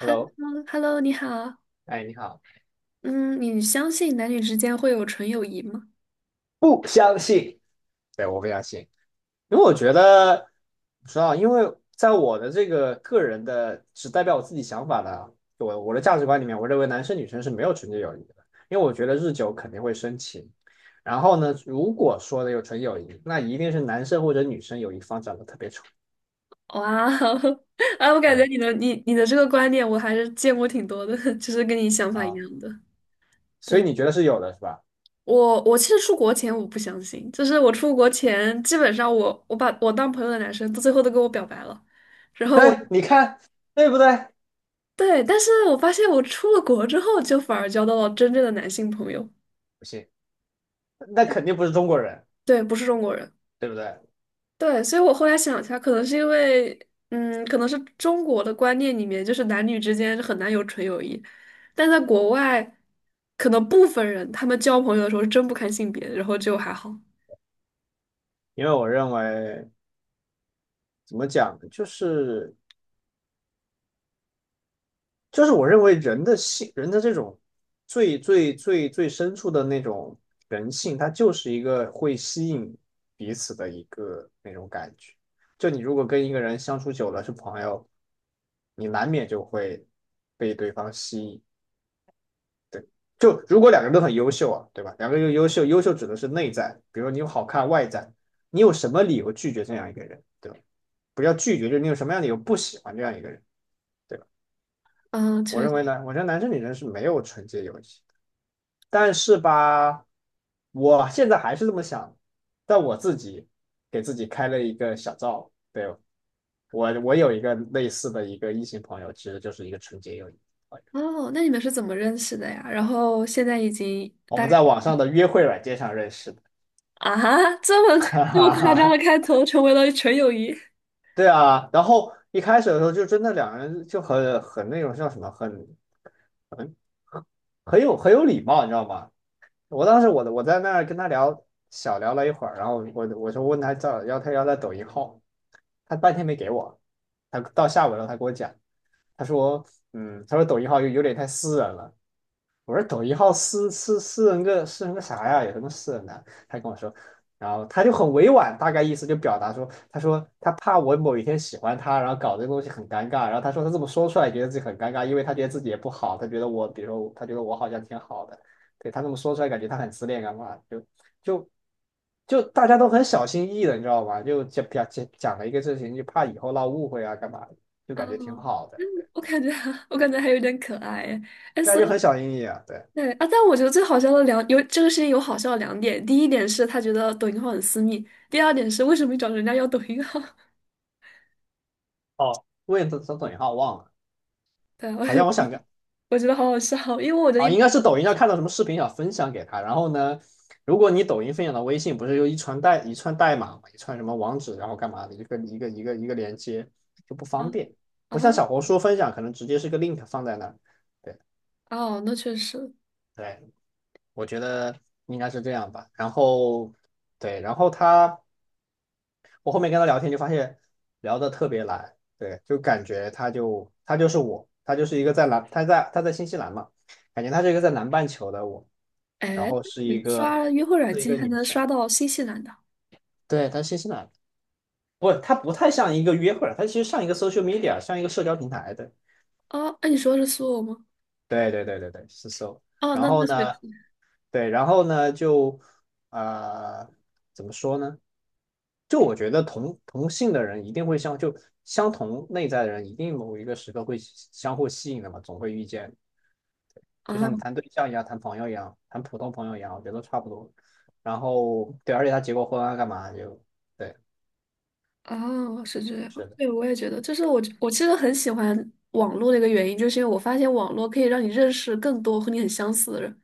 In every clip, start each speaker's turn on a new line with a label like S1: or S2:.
S1: Hello，
S2: 你好。
S1: 哎，你好。
S2: 嗯，你相信男女之间会有纯友谊吗？
S1: 不相信。对，我不相信。因为我觉得，不知道，因为在我的这个个人的只代表我自己想法的，我的价值观里面，我认为男生女生是没有纯洁友谊的，因为我觉得日久肯定会生情。然后呢，如果说的有纯友谊，那一定是男生或者女生有一方长得特别丑。
S2: 哇哦，啊，我感觉
S1: 对
S2: 你的这个观点我还是见过挺多的，就是跟你想法一
S1: 啊，
S2: 样的。
S1: 所以
S2: 对，
S1: 你觉得是有的是吧？
S2: 我其实出国前我不相信，就是我出国前基本上我把我当朋友的男生，到最后都跟我表白了，然后
S1: 对，你看对不对？
S2: 对，但是我发现我出了国之后，就反而交到了真正的男性朋友。
S1: 不信，那肯定不是中国人，
S2: 对，不是中国人。
S1: 对不对？
S2: 对，所以我后来想一下，可能是因为，嗯，可能是中国的观念里面，就是男女之间很难有纯友谊，但在国外，可能部分人他们交朋友的时候是真不看性别，然后就还好。
S1: 因为我认为。怎么讲呢？就是我认为人的性，人的这种最最最最深处的那种人性，它就是一个会吸引彼此的一个那种感觉。就你如果跟一个人相处久了是朋友，你难免就会被对方吸引。对，就如果两个人都很优秀啊，对吧？两个人优秀，优秀指的是内在，比如你有好看外在，你有什么理由拒绝这样一个人，对吧？不要拒绝，就是你有什么样的理由不喜欢这样一个人。对吧？
S2: 嗯，
S1: 我
S2: 确
S1: 认为
S2: 实。
S1: 呢，我觉得男生女生是没有纯洁友谊的。但是吧，我现在还是这么想，但我自己给自己开了一个小灶。对，我有一个类似的一个异性朋友，其实就是一个纯洁友谊朋友。
S2: 哦，那你们是怎么认识的呀？然后现在已经
S1: 我
S2: 大
S1: 们
S2: 概
S1: 在网上的约会软件上认识的。
S2: 啊，这么
S1: 哈
S2: 这么
S1: 哈
S2: 夸张的
S1: 哈，
S2: 开头，成为了纯友谊。
S1: 对啊。然后一开始的时候就真的两个人就很那种叫什么，很很有礼貌，你知道吗？我当时我在那儿跟他聊，小聊了一会儿，然后我就问他叫要他抖音号，他半天没给我，他到下午了他给我讲，他说他说抖音号有点太私人了。我说抖音号私人个啥呀？有什么私人的？他跟我说，然后他就很委婉，大概意思就表达说，他说他怕我某一天喜欢他，然后搞这个东西很尴尬。然后他说他这么说出来，觉得自己很尴尬，因为他觉得自己也不好，他觉得我，比如说他觉得我好像挺好的。对，他这么说出来，感觉他很自恋干嘛？就就大家都很小心翼翼的，你知道吗？就讲讲讲了一个事情，就怕以后闹误会啊，干嘛的，就感觉挺
S2: 哦，
S1: 好的，对。
S2: 我感觉 我感觉还有点可爱哎，哎
S1: 大家
S2: 所
S1: 就很
S2: 以。
S1: 小心翼翼啊，对。
S2: 对啊，但我觉得最好笑的两有这个事情有好笑的两点，第一点是他觉得抖音号很私密，第二点是为什么你找人家要抖音号？
S1: 哦，为什么抖音号忘了？
S2: 对，我觉
S1: 好
S2: 得
S1: 像我想 个
S2: 我觉得好好笑，因为我觉得
S1: 啊，
S2: 一般
S1: 应该是抖音上看到什么视频想分享给他。然后呢，如果你抖音分享到微信，不是有一串代码嘛，一串什么网址，然后干嘛的一个连接，就不
S2: 啊
S1: 方便。
S2: 啊
S1: 不像小红书分享可能直接是个 link 放在那儿。对
S2: 哦，那确实，
S1: 对，我觉得应该是这样吧。然后对，然后他。我后面跟他聊天就发现聊得特别来。对，就感觉他就他就是我，他就是一个在南，他在新西兰嘛，感觉他是一个在南半球的我，然
S2: 哎，
S1: 后是
S2: 你
S1: 一个
S2: 刷约会软
S1: 是一
S2: 件
S1: 个
S2: 还
S1: 女
S2: 能
S1: 生。
S2: 刷到新西兰的
S1: 对，他是新西兰的。不，他不太像一个约会儿，她其实像一个 social media，像一个社交平台的。
S2: 啊？哎，你说的是苏俄吗？
S1: 对对对对对，是 so。
S2: 哦，
S1: 然
S2: 那
S1: 后
S2: 确实
S1: 呢，对，然后呢，就呃，怎么说呢？就我觉得同性的人一定会相同内在的人，一定某一个时刻会相互吸引的嘛，总会遇见。就
S2: 啊，
S1: 像你谈对象一样，谈朋友一样，谈普通朋友一样，我觉得都差不多。然后对，而且他结过婚啊，干嘛就对，
S2: 是这样。
S1: 是的。
S2: 对，我也觉得，就是我其实很喜欢网络的一个原因，就是因为我发现网络可以让你认识更多和你很相似的人。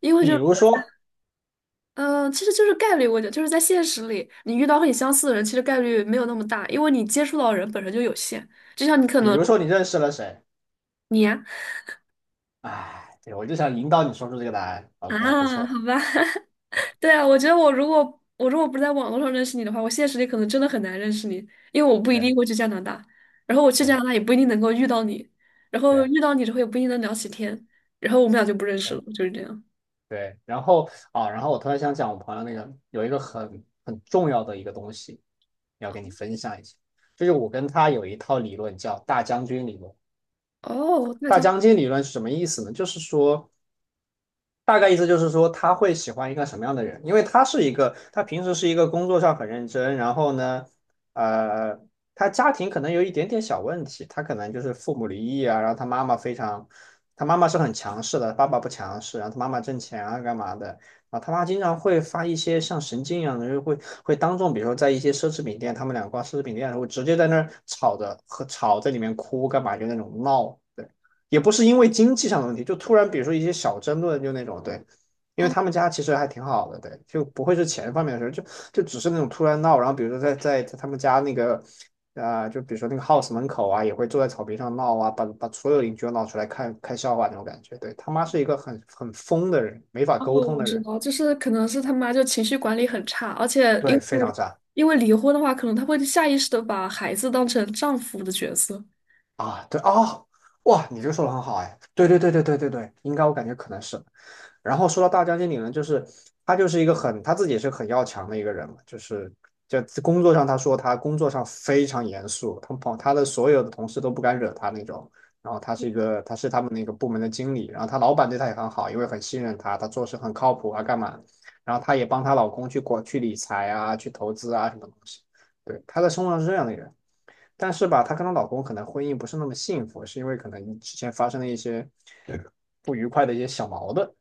S2: 因为就。
S1: 比如说，
S2: 嗯，其实就是概率问题，我觉得就是在现实里，你遇到和你相似的人，其实概率没有那么大，因为你接触到的人本身就有限。就像你可
S1: 比
S2: 能
S1: 如说你认识了谁？
S2: 你呀
S1: 哎，对，我就想引导你说出这个答案。
S2: 啊，
S1: OK，不
S2: 啊
S1: 错，
S2: 好吧，
S1: 对
S2: 对啊，我觉得我如果不是在网络上认识你的话，我现实里可能真的很难认识你，因为我不一定
S1: 对
S2: 会去加拿大，然后我去加拿大
S1: 对
S2: 也不一定能够遇到你，然后遇
S1: 对
S2: 到你之后也不一定能聊起天，然后我们俩就不认识
S1: 对。
S2: 了，就是这样。
S1: 对，然后啊，然后我突然想讲，我朋友那个有一个很重要的一个东西，要跟你分享一下，就是我跟他有一套理论叫大将军理论。
S2: 哦，那这
S1: 大
S2: 样，
S1: 将军理论是什么意思呢？就是说，大概意思就是说，他会喜欢一个什么样的人？因为他是一个，他平时是一个工作上很认真。然后呢，呃，他家庭可能有一点点小问题，他可能就是父母离异啊，然后他妈妈非常，他妈妈是很强势的，爸爸不强势，然后他妈妈挣钱啊，干嘛的？啊，他妈经常会发一些像神经一样的，会当众，比如说在一些奢侈品店，他们俩逛奢侈品店的时候，直接在那儿吵着和吵在里面哭干嘛，就那种闹。对，也不是因为经济上的问题，就突然比如说一些小争论，就那种对，因
S2: 哦，
S1: 为他们家其实还挺好的，对，就不会是钱方面的事儿，就只是那种突然闹。然后比如说在他们家那个就比如说那个 house 门口啊，也会坐在草坪上闹啊，把所有邻居都闹出来看看笑话那种感觉。对，他妈是一个很疯的人，没法
S2: 哦，
S1: 沟通
S2: 我
S1: 的
S2: 知
S1: 人。
S2: 道，就是可能是他妈就情绪管理很差，而且因
S1: 对，非常
S2: 为
S1: 渣
S2: 离婚的话，可能他会下意识的把孩子当成丈夫的角色。
S1: 啊。对啊，哦哇，你这个说的很好哎，对对对对对对对，应该我感觉可能是。然后说到大将军理呢，就是他就是一个很他自己也是很要强的一个人嘛。就工作上他说他工作上非常严肃，他的所有的同事都不敢惹他那种。然后他是一个他是他们那个部门的经理，然后他老板对他也很好，因为很信任他，他做事很靠谱啊，干嘛？然后他也帮她老公去理财啊，去投资啊，什么东西。对，他在生活上是这样的人。但是吧，她跟她老公可能婚姻不是那么幸福，是因为可能之前发生了一些不愉快的一些小矛盾。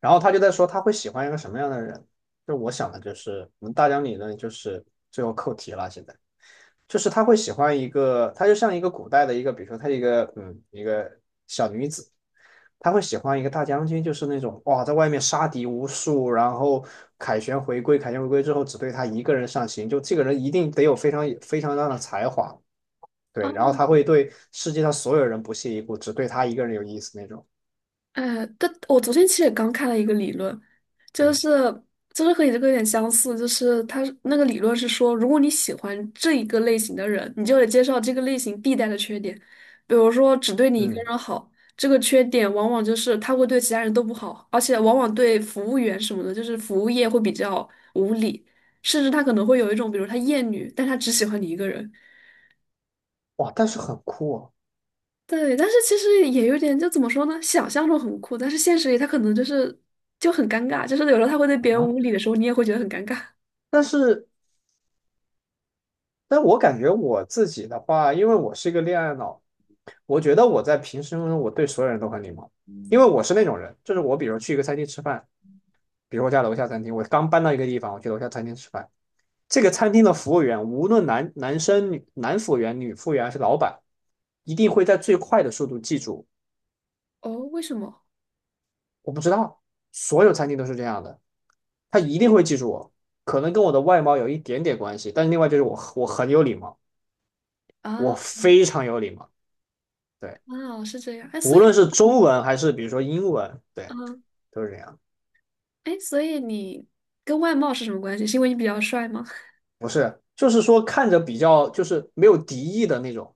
S1: 然后他就在说他会喜欢一个什么样的人。就我想的就是，我们大疆理论就是最后扣题了。现在就是他会喜欢一个，他就像一个古代的一个，比如说他一个一个小女子，他会喜欢一个大将军，就是那种哇在外面杀敌无数，然后凯旋回归，凯旋回归之后只对他一个人上行，就这个人一定得有非常非常大的才华。对，然后他会对世界上所有人不屑一顾，只对他一个人有意思那种。
S2: 哎，但我昨天其实也刚看了一个理论，就
S1: 嗯
S2: 是就是和你这个有点相似，就是他那个理论是说，如果你喜欢这一个类型的人，你就得接受这个类型必带的缺点，比如说只对你一个
S1: 嗯，
S2: 人好，这个缺点往往就是他会对其他人都不好，而且往往对服务员什么的，就是服务业会比较无理，甚至他可能会有一种，比如他厌女，但他只喜欢你一个人。
S1: 哇，但是很酷哦。
S2: 对，但是其实也有点，就怎么说呢？想象中很酷，但是现实里他可能就很尴尬，就是有时候他会对
S1: 啊！
S2: 别人
S1: 吗？
S2: 无理的时候，你也会觉得很尴尬。
S1: 但是，但我感觉我自己的话，因为我是一个恋爱脑，我觉得我在平时中我对所有人都很礼貌，因为我是那种人，就是我比如去一个餐厅吃饭，比如我家楼下餐厅，我刚搬到一个地方，我去楼下餐厅吃饭，这个餐厅的服务员，无论男生、男服务员、女服务员还是老板，一定会在最快的速度记住。
S2: 哦，为什么？
S1: 我不知道，所有餐厅都是这样的，他一定会记住我，可能跟我的外貌有一点点关系，但是另外就是我很有礼貌，我
S2: 啊，
S1: 非常有礼貌。对。
S2: 是这样。哎，所
S1: 无
S2: 以
S1: 论是
S2: 啊，
S1: 中文还是比如说英文，对，
S2: 嗯
S1: 都是这样。
S2: 哎，所以你跟外貌是什么关系？是因为你比较帅吗？
S1: 不是，就是说看着比较就是没有敌意的那种。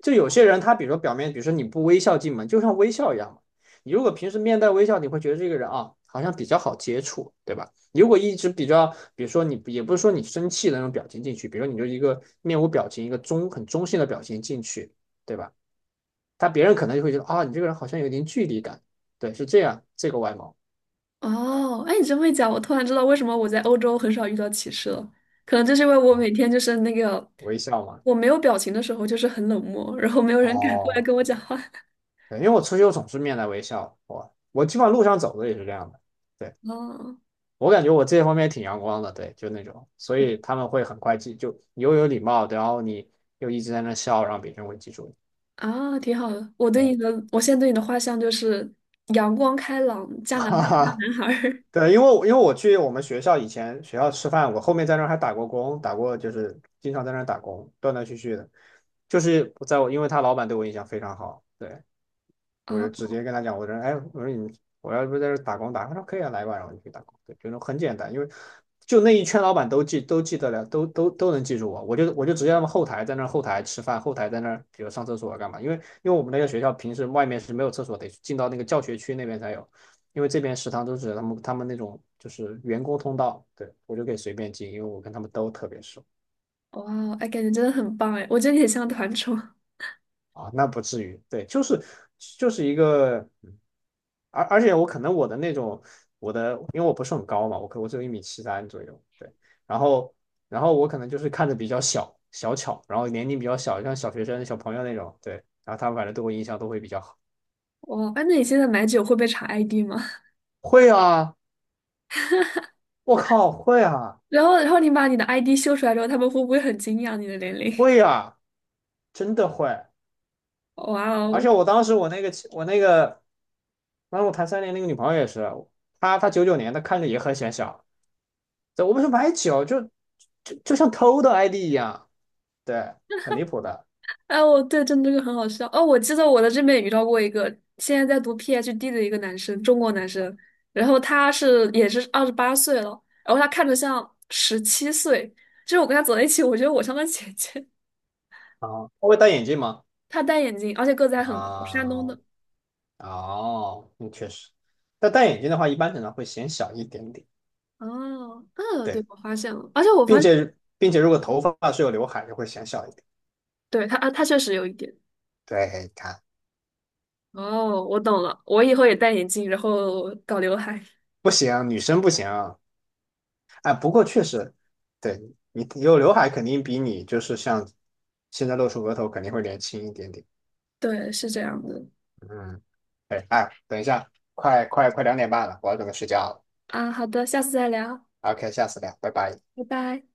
S1: 就有些人他比如说表面，比如说你不微笑进门，就像微笑一样嘛。你如果平时面带微笑，你会觉得这个人啊好像比较好接触，对吧？如果一直比较，比如说你也不是说你生气的那种表情进去，比如说你就一个面无表情，一个中很中性的表情进去，对吧？他别人可能就会觉得啊你这个人好像有点距离感，对，是这样，这个外貌
S2: 哦，哎，你这么一讲，我突然知道为什么我在欧洲很少遇到歧视了。可能就是因为我
S1: 啊，
S2: 每天就是那个
S1: 微笑嘛，
S2: 我没有表情的时候，就是很冷漠，然后没有人敢过来
S1: 哦。
S2: 跟我讲话。
S1: 对，因为我出去我总是面带微笑，我基本上路上走的也是这样的。对，
S2: 哦
S1: 我感觉我这方面挺阳光的，对，就那种，所以他们会很快记，就你又有礼貌，然后你又一直在那笑，然后别人会记住你。
S2: 啊，挺好的。我对
S1: 对，
S2: 你的，我现在对你的画像就是阳光开朗、加拿大
S1: 哈
S2: 大
S1: 哈，
S2: 男孩儿
S1: 对，因为我去我们学校以前学校吃饭，我后面在那儿还打过工，打过就是经常在那儿打工，断断续续的，就是在我因为他老板对我印象非常好，对，我
S2: 啊，
S1: 就直接跟他讲，我说，哎，我说你，我要不在这打工打他说可以啊，来吧，然后我就去打工，对，就是很简单，因为就那一圈老板都记得了，都能记住我，我就直接让他们后台在那儿后台吃饭，后台在那儿比如上厕所啊干嘛，因为我们那个学校平时外面是没有厕所，得进到那个教学区那边才有，因为这边食堂都是他们那种就是员工通道，对，我就可以随便进，因为我跟他们都特别熟。
S2: 哇哦，哎，感觉真的很棒哎，我觉得你很像团宠。哇
S1: 啊，那不至于，对，就是就是一个，嗯而且我可能我的那种我的，因为我不是很高嘛，我只有1米73左右，对，然后然后我可能就是看着比较小小巧，然后年龄比较小，像小学生小朋友那种，对，然后他们反正对我印象都会比较好。
S2: 哦，哎，那你现在买酒会被查 ID 吗？
S1: 会啊，我靠，会啊，
S2: 然后，然后你把你的 ID 秀出来之后，他们会不会很惊讶你的年龄？
S1: 会啊，真的会，
S2: 哇
S1: 而
S2: 哦！
S1: 且我那个，当时我谈3年那个女朋友也是，她99年的，看着也很显小。对，我们说买酒，就像偷的 ID 一样，对，很离谱的。
S2: 哎，我对，真的这个很好笑。哦，我记得我在这边也遇到过一个现在在读 PhD 的一个男生，中国男生，然后他是也是28岁了，然后他看着像17岁，就是我跟他走在一起，我觉得我像他姐姐。
S1: 啊，他会戴眼镜吗？
S2: 他戴眼镜，而且个子还很高，山
S1: 啊，
S2: 东的。
S1: 哦，嗯，确实，但戴眼镜的话，一般可能会显小一点点，
S2: 哦，对，
S1: 对，
S2: 我发现了，而且我发
S1: 并
S2: 现，
S1: 且并且如果头发是有刘海，就会显小一点。
S2: 对，他啊，他确实有一点。
S1: 对，你看
S2: 哦，我懂了，我以后也戴眼镜，然后搞刘海。
S1: 不行，女生不行。哎，不过确实，对你有刘海，肯定比你就是像现在露出额头，肯定会年轻一点点。
S2: 对，是这样的。
S1: 嗯，哎哎，等一下，快2点半了，我要准备睡觉了。
S2: 啊，好的，下次再聊，
S1: 好 OK，下次聊，拜拜。
S2: 拜拜。